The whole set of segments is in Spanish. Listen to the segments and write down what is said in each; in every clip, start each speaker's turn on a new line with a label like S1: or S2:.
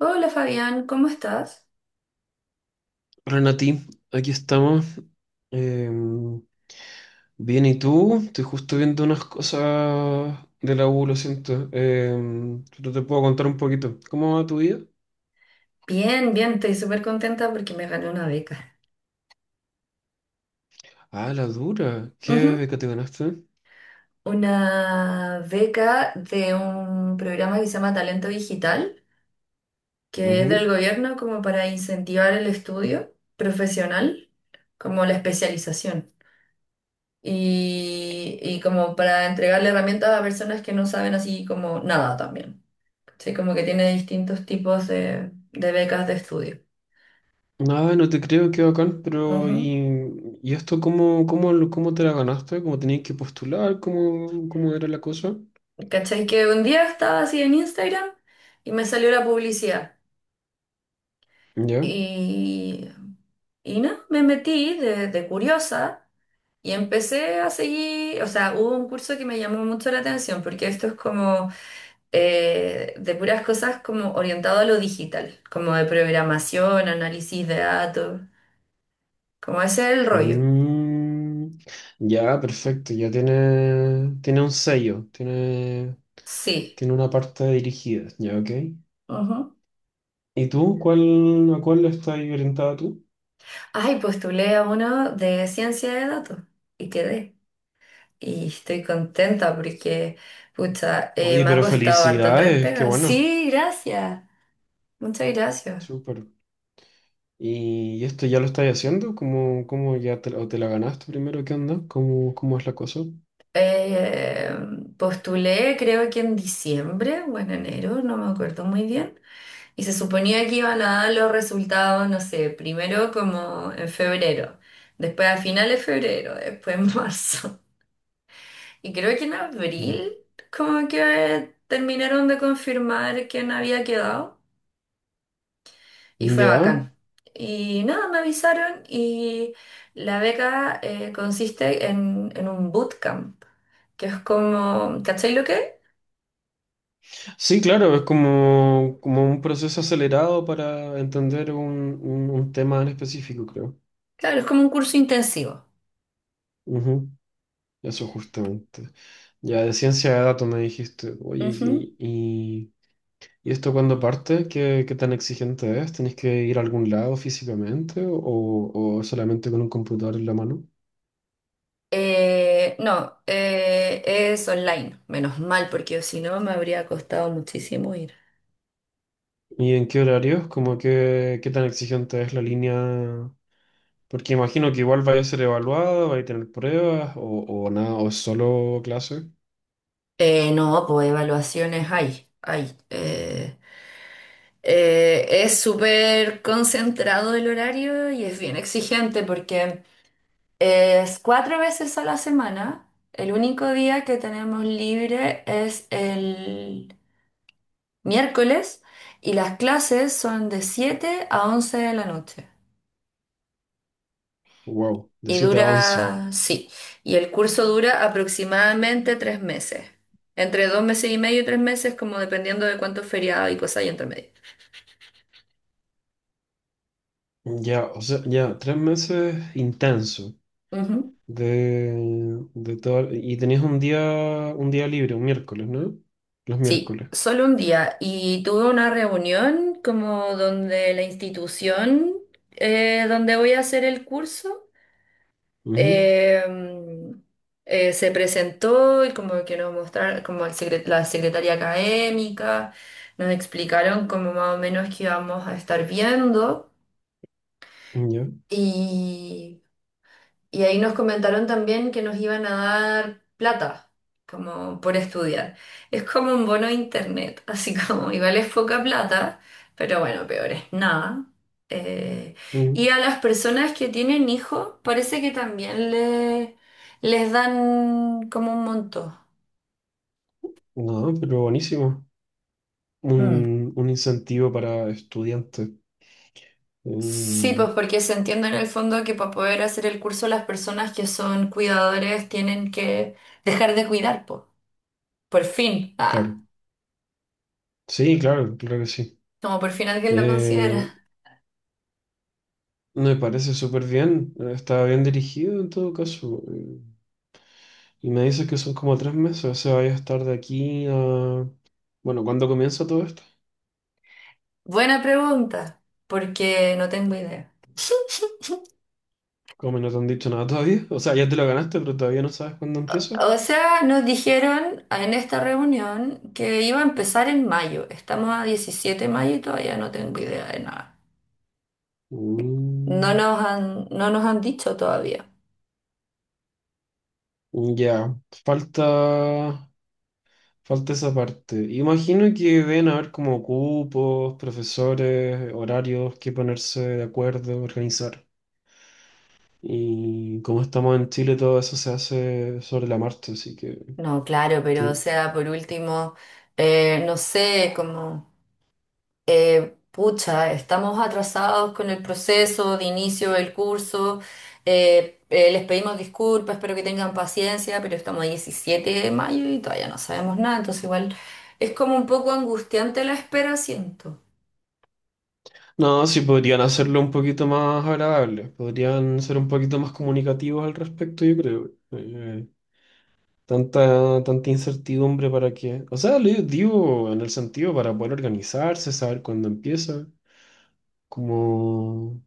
S1: Hola Fabián, ¿cómo estás?
S2: Renati, aquí estamos. Eh, Bien, ¿y tú? Estoy justo viendo unas cosas de la U, lo siento. Pero te puedo contar un poquito. ¿Cómo va tu vida?
S1: Bien, bien, estoy súper contenta porque me gané una beca.
S2: Ah, la dura. ¿Qué
S1: Ujú.
S2: beca te ganaste?
S1: Una beca de un programa que se llama Talento Digital, que es del
S2: Ujú.
S1: gobierno como para incentivar el estudio profesional, como la especialización. Y como para entregarle herramientas a personas que no saben así como nada también. Sí, como que tiene distintos tipos de becas de estudio.
S2: Ah, no te creo, qué bacán, pero
S1: Ujú.
S2: ¿y esto cómo te la ganaste? ¿Cómo tenías que postular? ¿Cómo era la cosa?
S1: ¿Cachai? Que un día estaba así en Instagram y me salió la publicidad.
S2: ¿Ya?
S1: Y, y no, Me metí de curiosa y empecé a seguir, o sea, hubo un curso que me llamó mucho la atención porque esto es como de puras cosas como orientado a lo digital, como de programación, análisis de datos, como ese es el rollo.
S2: Mm, ya, perfecto, ya tiene un sello, tiene,
S1: Sí.
S2: tiene una parte dirigida, ya, ok.
S1: Ujú.
S2: ¿Y tú? ¿Cuál, a cuál estás orientada tú?
S1: Ay, postulé a uno de ciencia de datos y quedé. Y estoy contenta porque, pucha,
S2: Oye,
S1: me ha
S2: pero
S1: costado harto entrar
S2: felicidades, qué
S1: pega.
S2: bueno.
S1: Sí, gracias. Muchas gracias.
S2: Súper. ¿Y esto ya lo estás haciendo? ¿Cómo, cómo ya te, o te la ganaste primero? ¿Qué onda? ¿Cómo es la cosa?
S1: Eh, Postulé creo que en diciembre o en enero, no me acuerdo muy bien. Y se suponía que iban a dar los resultados, no sé, primero como en febrero, después a finales de febrero, después en marzo. Y creo que en
S2: Mm.
S1: abril como que terminaron de confirmar quién había quedado. Y fue
S2: ¿Ya?
S1: bacán. Y nada, me avisaron y la beca consiste en un bootcamp, que es como, ¿cachai lo que es?
S2: Sí, claro, es como, como un proceso acelerado para entender un tema en específico, creo.
S1: Claro, es como un curso intensivo.
S2: Ujú, eso justamente. Ya, de ciencia de datos me dijiste.
S1: Ujú.
S2: ¿Y esto cuando parte? ¿Qué, qué tan exigente es? ¿Tenés que ir a algún lado físicamente o solamente con un computador en la mano?
S1: No, es online, menos mal, porque si no me habría costado muchísimo ir.
S2: ¿Y en qué horarios? Como que, qué tan exigente es la línea? Porque imagino que igual vaya a ser evaluada, vaya a tener pruebas o nada, o es solo clase.
S1: No, pues evaluaciones hay, hay. Es súper concentrado el horario y es bien exigente porque... es 4 veces a la semana. El único día que tenemos libre es el miércoles y las clases son de 7 a 11 de la noche.
S2: Wow, de
S1: Y
S2: siete a 11.
S1: dura, sí, y el curso dura aproximadamente 3 meses. Entre 2 meses y medio y 3 meses, como dependiendo de cuántos feriados y cosas hay entre medio.
S2: Ya, o sea, ya, tres meses intenso
S1: Ujú.
S2: de, de todo. Y tenías un día libre, un miércoles, ¿no? Los
S1: Sí,
S2: miércoles.
S1: solo un día. Y tuve una reunión como donde la institución donde voy a hacer el curso. Em, Se presentó y como que nos mostraron, como el la secretaria académica, nos explicaron como más o menos que íbamos a estar viendo
S2: Ujú, ya.
S1: y ahí nos comentaron también que nos iban a dar plata, como por estudiar. Es como un bono de internet, así como igual es poca plata, pero bueno, peor es nada. Eh, y
S2: Ujú.
S1: a las personas que tienen hijos, parece que también les dan como un monto.
S2: No, pero buenísimo.
S1: Mm.
S2: Un incentivo para estudiantes.
S1: Sí,
S2: Eh,
S1: pues porque se entiende en el fondo que para poder hacer el curso las personas que son cuidadores tienen que dejar de cuidar, po, por fin. Ah.
S2: claro. Sí, claro, claro que sí.
S1: Como por fin alguien lo considera.
S2: Eh, Me parece súper bien. Está bien dirigido en todo caso. Y me dices que son como tres meses, o sea, vaya a estar de aquí a... Bueno, ¿cuándo comienza todo esto?
S1: Buena pregunta, porque no tengo idea.
S2: Como no te han dicho nada todavía. O sea, ya te lo ganaste, pero todavía no sabes cuándo empieza.
S1: O sea, nos dijeron en esta reunión que iba a empezar en mayo. Estamos a 17 de mayo y todavía no tengo idea de nada. No
S2: Mm,
S1: nos han, no nos han dicho todavía.
S2: ya. Falta... Falta esa parte. Imagino que deben haber como cupos, profesores, horarios que ponerse de acuerdo, organizar. Y como estamos en Chile, todo eso se hace sobre la marcha, así que...
S1: No, claro, pero o
S2: ti-
S1: sea, por último, no sé, como... pucha, estamos atrasados con el proceso de inicio del curso, les pedimos disculpas, espero que tengan paciencia, pero estamos a 17 de mayo y todavía no sabemos nada, entonces igual es como un poco angustiante la espera, siento.
S2: No, sí podrían hacerlo un poquito más agradable, podrían ser un poquito más comunicativos al respecto, yo creo. Tanta, tanta incertidumbre para qué. O sea, lo digo en el sentido para poder organizarse, saber cuándo empieza, como...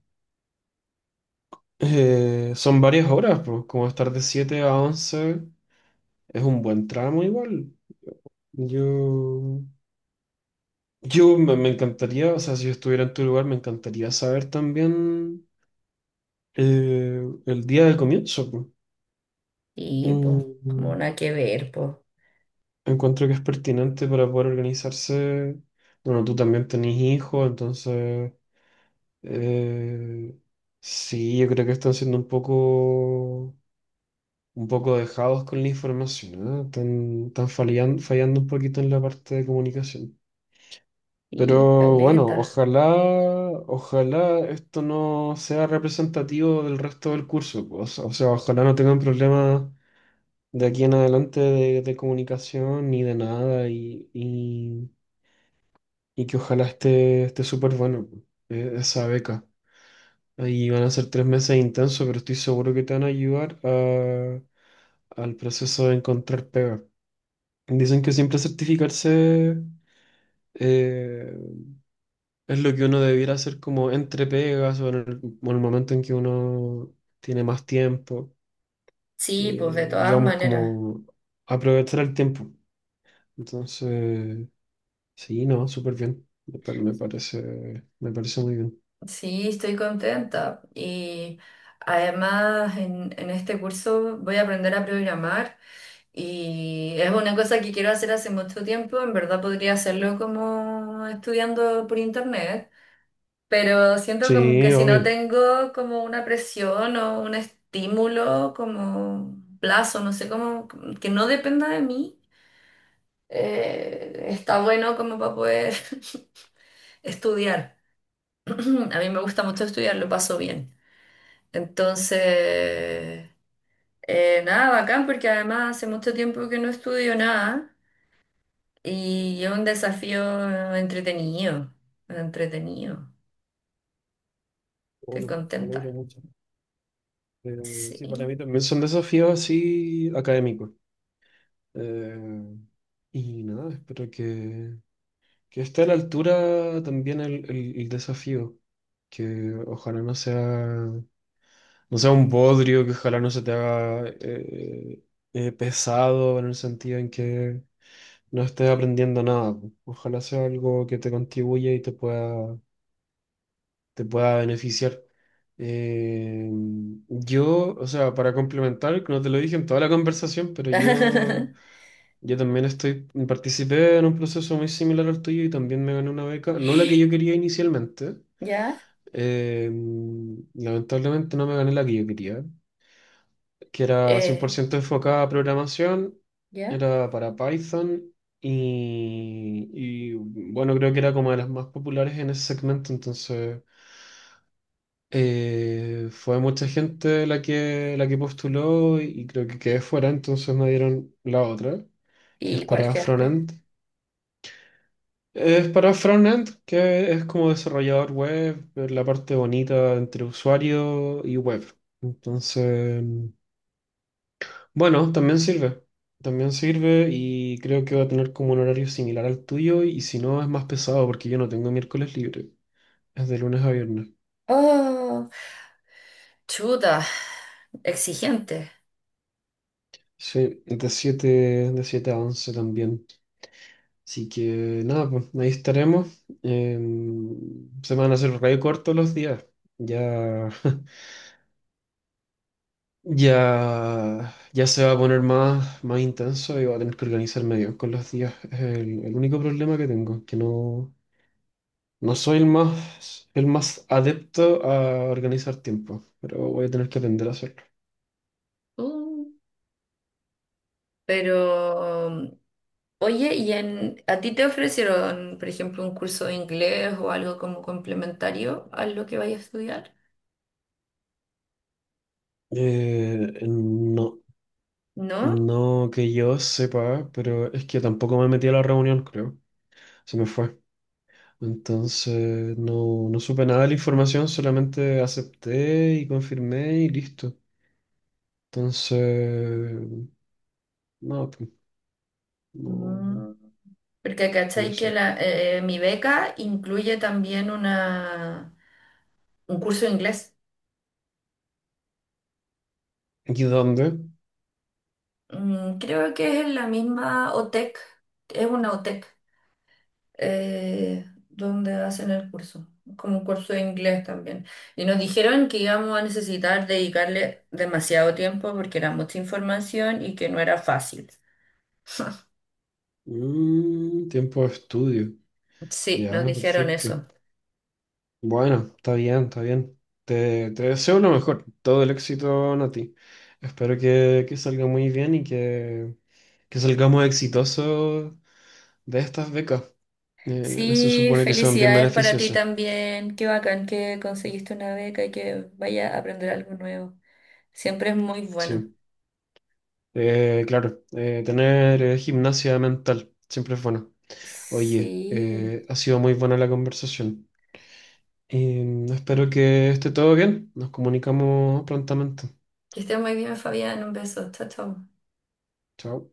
S2: Son varias horas, pues, como estar de 7 a 11 es un buen tramo igual. Yo, yo me, me encantaría, o sea, si yo estuviera en tu lugar, me encantaría saber también el día de comienzo, pues.
S1: Y pues, como
S2: Mm,
S1: nada que ver, pues.
S2: encuentro que es pertinente para poder organizarse. Bueno, tú también tenés hijos, entonces eh, sí, yo creo que están siendo un poco dejados con la información, ¿no? Están, están fallando un poquito en la parte de comunicación.
S1: Y
S2: Pero bueno,
S1: caleta.
S2: ojalá, ojalá esto no sea representativo del resto del curso, pues. O sea, ojalá no tengan problemas de aquí en adelante de comunicación ni de nada y que ojalá esté súper bueno, pues, esa beca. Ahí van a ser tres meses intensos, pero estoy seguro que te van a al proceso de encontrar pega. Dicen que siempre certificarse eh, es lo que uno debiera hacer como entre pegas o en el momento en que uno tiene más tiempo,
S1: Sí, pues de todas
S2: digamos
S1: maneras.
S2: como aprovechar el tiempo. Entonces, sí, no, súper bien. Me parece muy bien.
S1: Sí, estoy contenta. Y además en este curso voy a aprender a programar. Y es una cosa que quiero hacer hace mucho tiempo, en verdad podría hacerlo como estudiando por internet, pero siento como que
S2: Sí,
S1: si no
S2: obvio.
S1: tengo como una presión o un estímulo, como plazo, no sé cómo, que no dependa de mí, está bueno como para poder estudiar. A mí me gusta mucho estudiar, lo paso bien. Entonces, nada, bacán, porque además hace mucho tiempo que no estudio nada. Y es un desafío entretenido, entretenido. Estoy
S2: Bueno, me alegro
S1: contenta.
S2: mucho. Sí, para
S1: Sí.
S2: mí también son desafíos así académicos. Eh, y nada, espero que esté a la altura también el, el desafío, que ojalá no sea, no sea un bodrio, que ojalá no se te haga pesado en el sentido en que no estés aprendiendo nada. Ojalá sea algo que te contribuya y te pueda beneficiar. Eh, yo, o sea, para complementar, no te lo dije en toda la conversación, pero yo... Yo también estoy, participé en un proceso muy similar al tuyo y también me gané una beca, no la que yo quería inicialmente,
S1: ¿Ya?
S2: eh, lamentablemente no me gané la que yo quería, que era cien por
S1: Eh,
S2: ciento enfocada a programación,
S1: ¿Ya?
S2: era para Python y, bueno, creo que era como de las más populares en ese segmento, entonces fue mucha gente la que postuló y creo que quedé fuera, entonces me dieron la otra, que es
S1: ¿Y cuál
S2: para
S1: quedaste?
S2: frontend. Es para frontend, que es como desarrollador web, la parte bonita entre usuario y web. Entonces, bueno, también sirve. También sirve y creo que va a tener como un horario similar al tuyo y si no es más pesado porque yo no tengo miércoles libre. Es de lunes a viernes.
S1: Oh, chuta, exigente.
S2: Sí, de 7 a 11 también. Así que nada, pues ahí estaremos. Se van a hacer re cortos los días. Ya Ya, ya se va a poner más, más intenso y va a tener que organizarme bien con los días. Es el único problema que tengo, que no, no soy el más adepto a organizar tiempo, pero voy a tener que aprender a hacerlo.
S1: Uh, pero, oye, ¿y en, a ti te ofrecieron, por ejemplo, un curso de inglés o algo como complementario a lo que vayas a estudiar?
S2: No,
S1: ¿No?
S2: no que yo sepa, pero es que tampoco me metí a la reunión, creo. Se me fue. Entonces no, no supe nada de la información, solamente acepté y confirmé y listo. Entonces, no. No,
S1: Mm. Porque
S2: no lo
S1: cachai que
S2: sé.
S1: la, mi beca incluye también una, un curso de inglés.
S2: ¿Y dónde?
S1: Mm, creo que es en la misma OTEC, es una OTEC, donde hacen el curso, como un curso de inglés también. Y nos dijeron que íbamos a necesitar dedicarle demasiado tiempo porque era mucha información y que no era fácil.
S2: Mm, tiempo de estudio.
S1: Sí, nos
S2: Ya,
S1: dijeron
S2: perfecto.
S1: eso.
S2: Bueno, está bien, está bien. Te deseo lo mejor. Todo el éxito, Nati. Espero que salga muy bien y que salgamos exitosos de estas becas. Se
S1: Sí,
S2: supone que son bien
S1: felicidades para ti
S2: beneficiosas.
S1: también. Qué bacán que conseguiste una beca y que vaya a aprender algo nuevo. Siempre es muy bueno.
S2: Sí. Claro, tener gimnasia mental siempre es bueno. Oye,
S1: Sí.
S2: ha sido muy buena la conversación. Espero que esté todo bien. Nos comunicamos prontamente.
S1: Que esté muy bien, Fabián. Un beso. Chao, chao.
S2: Chao.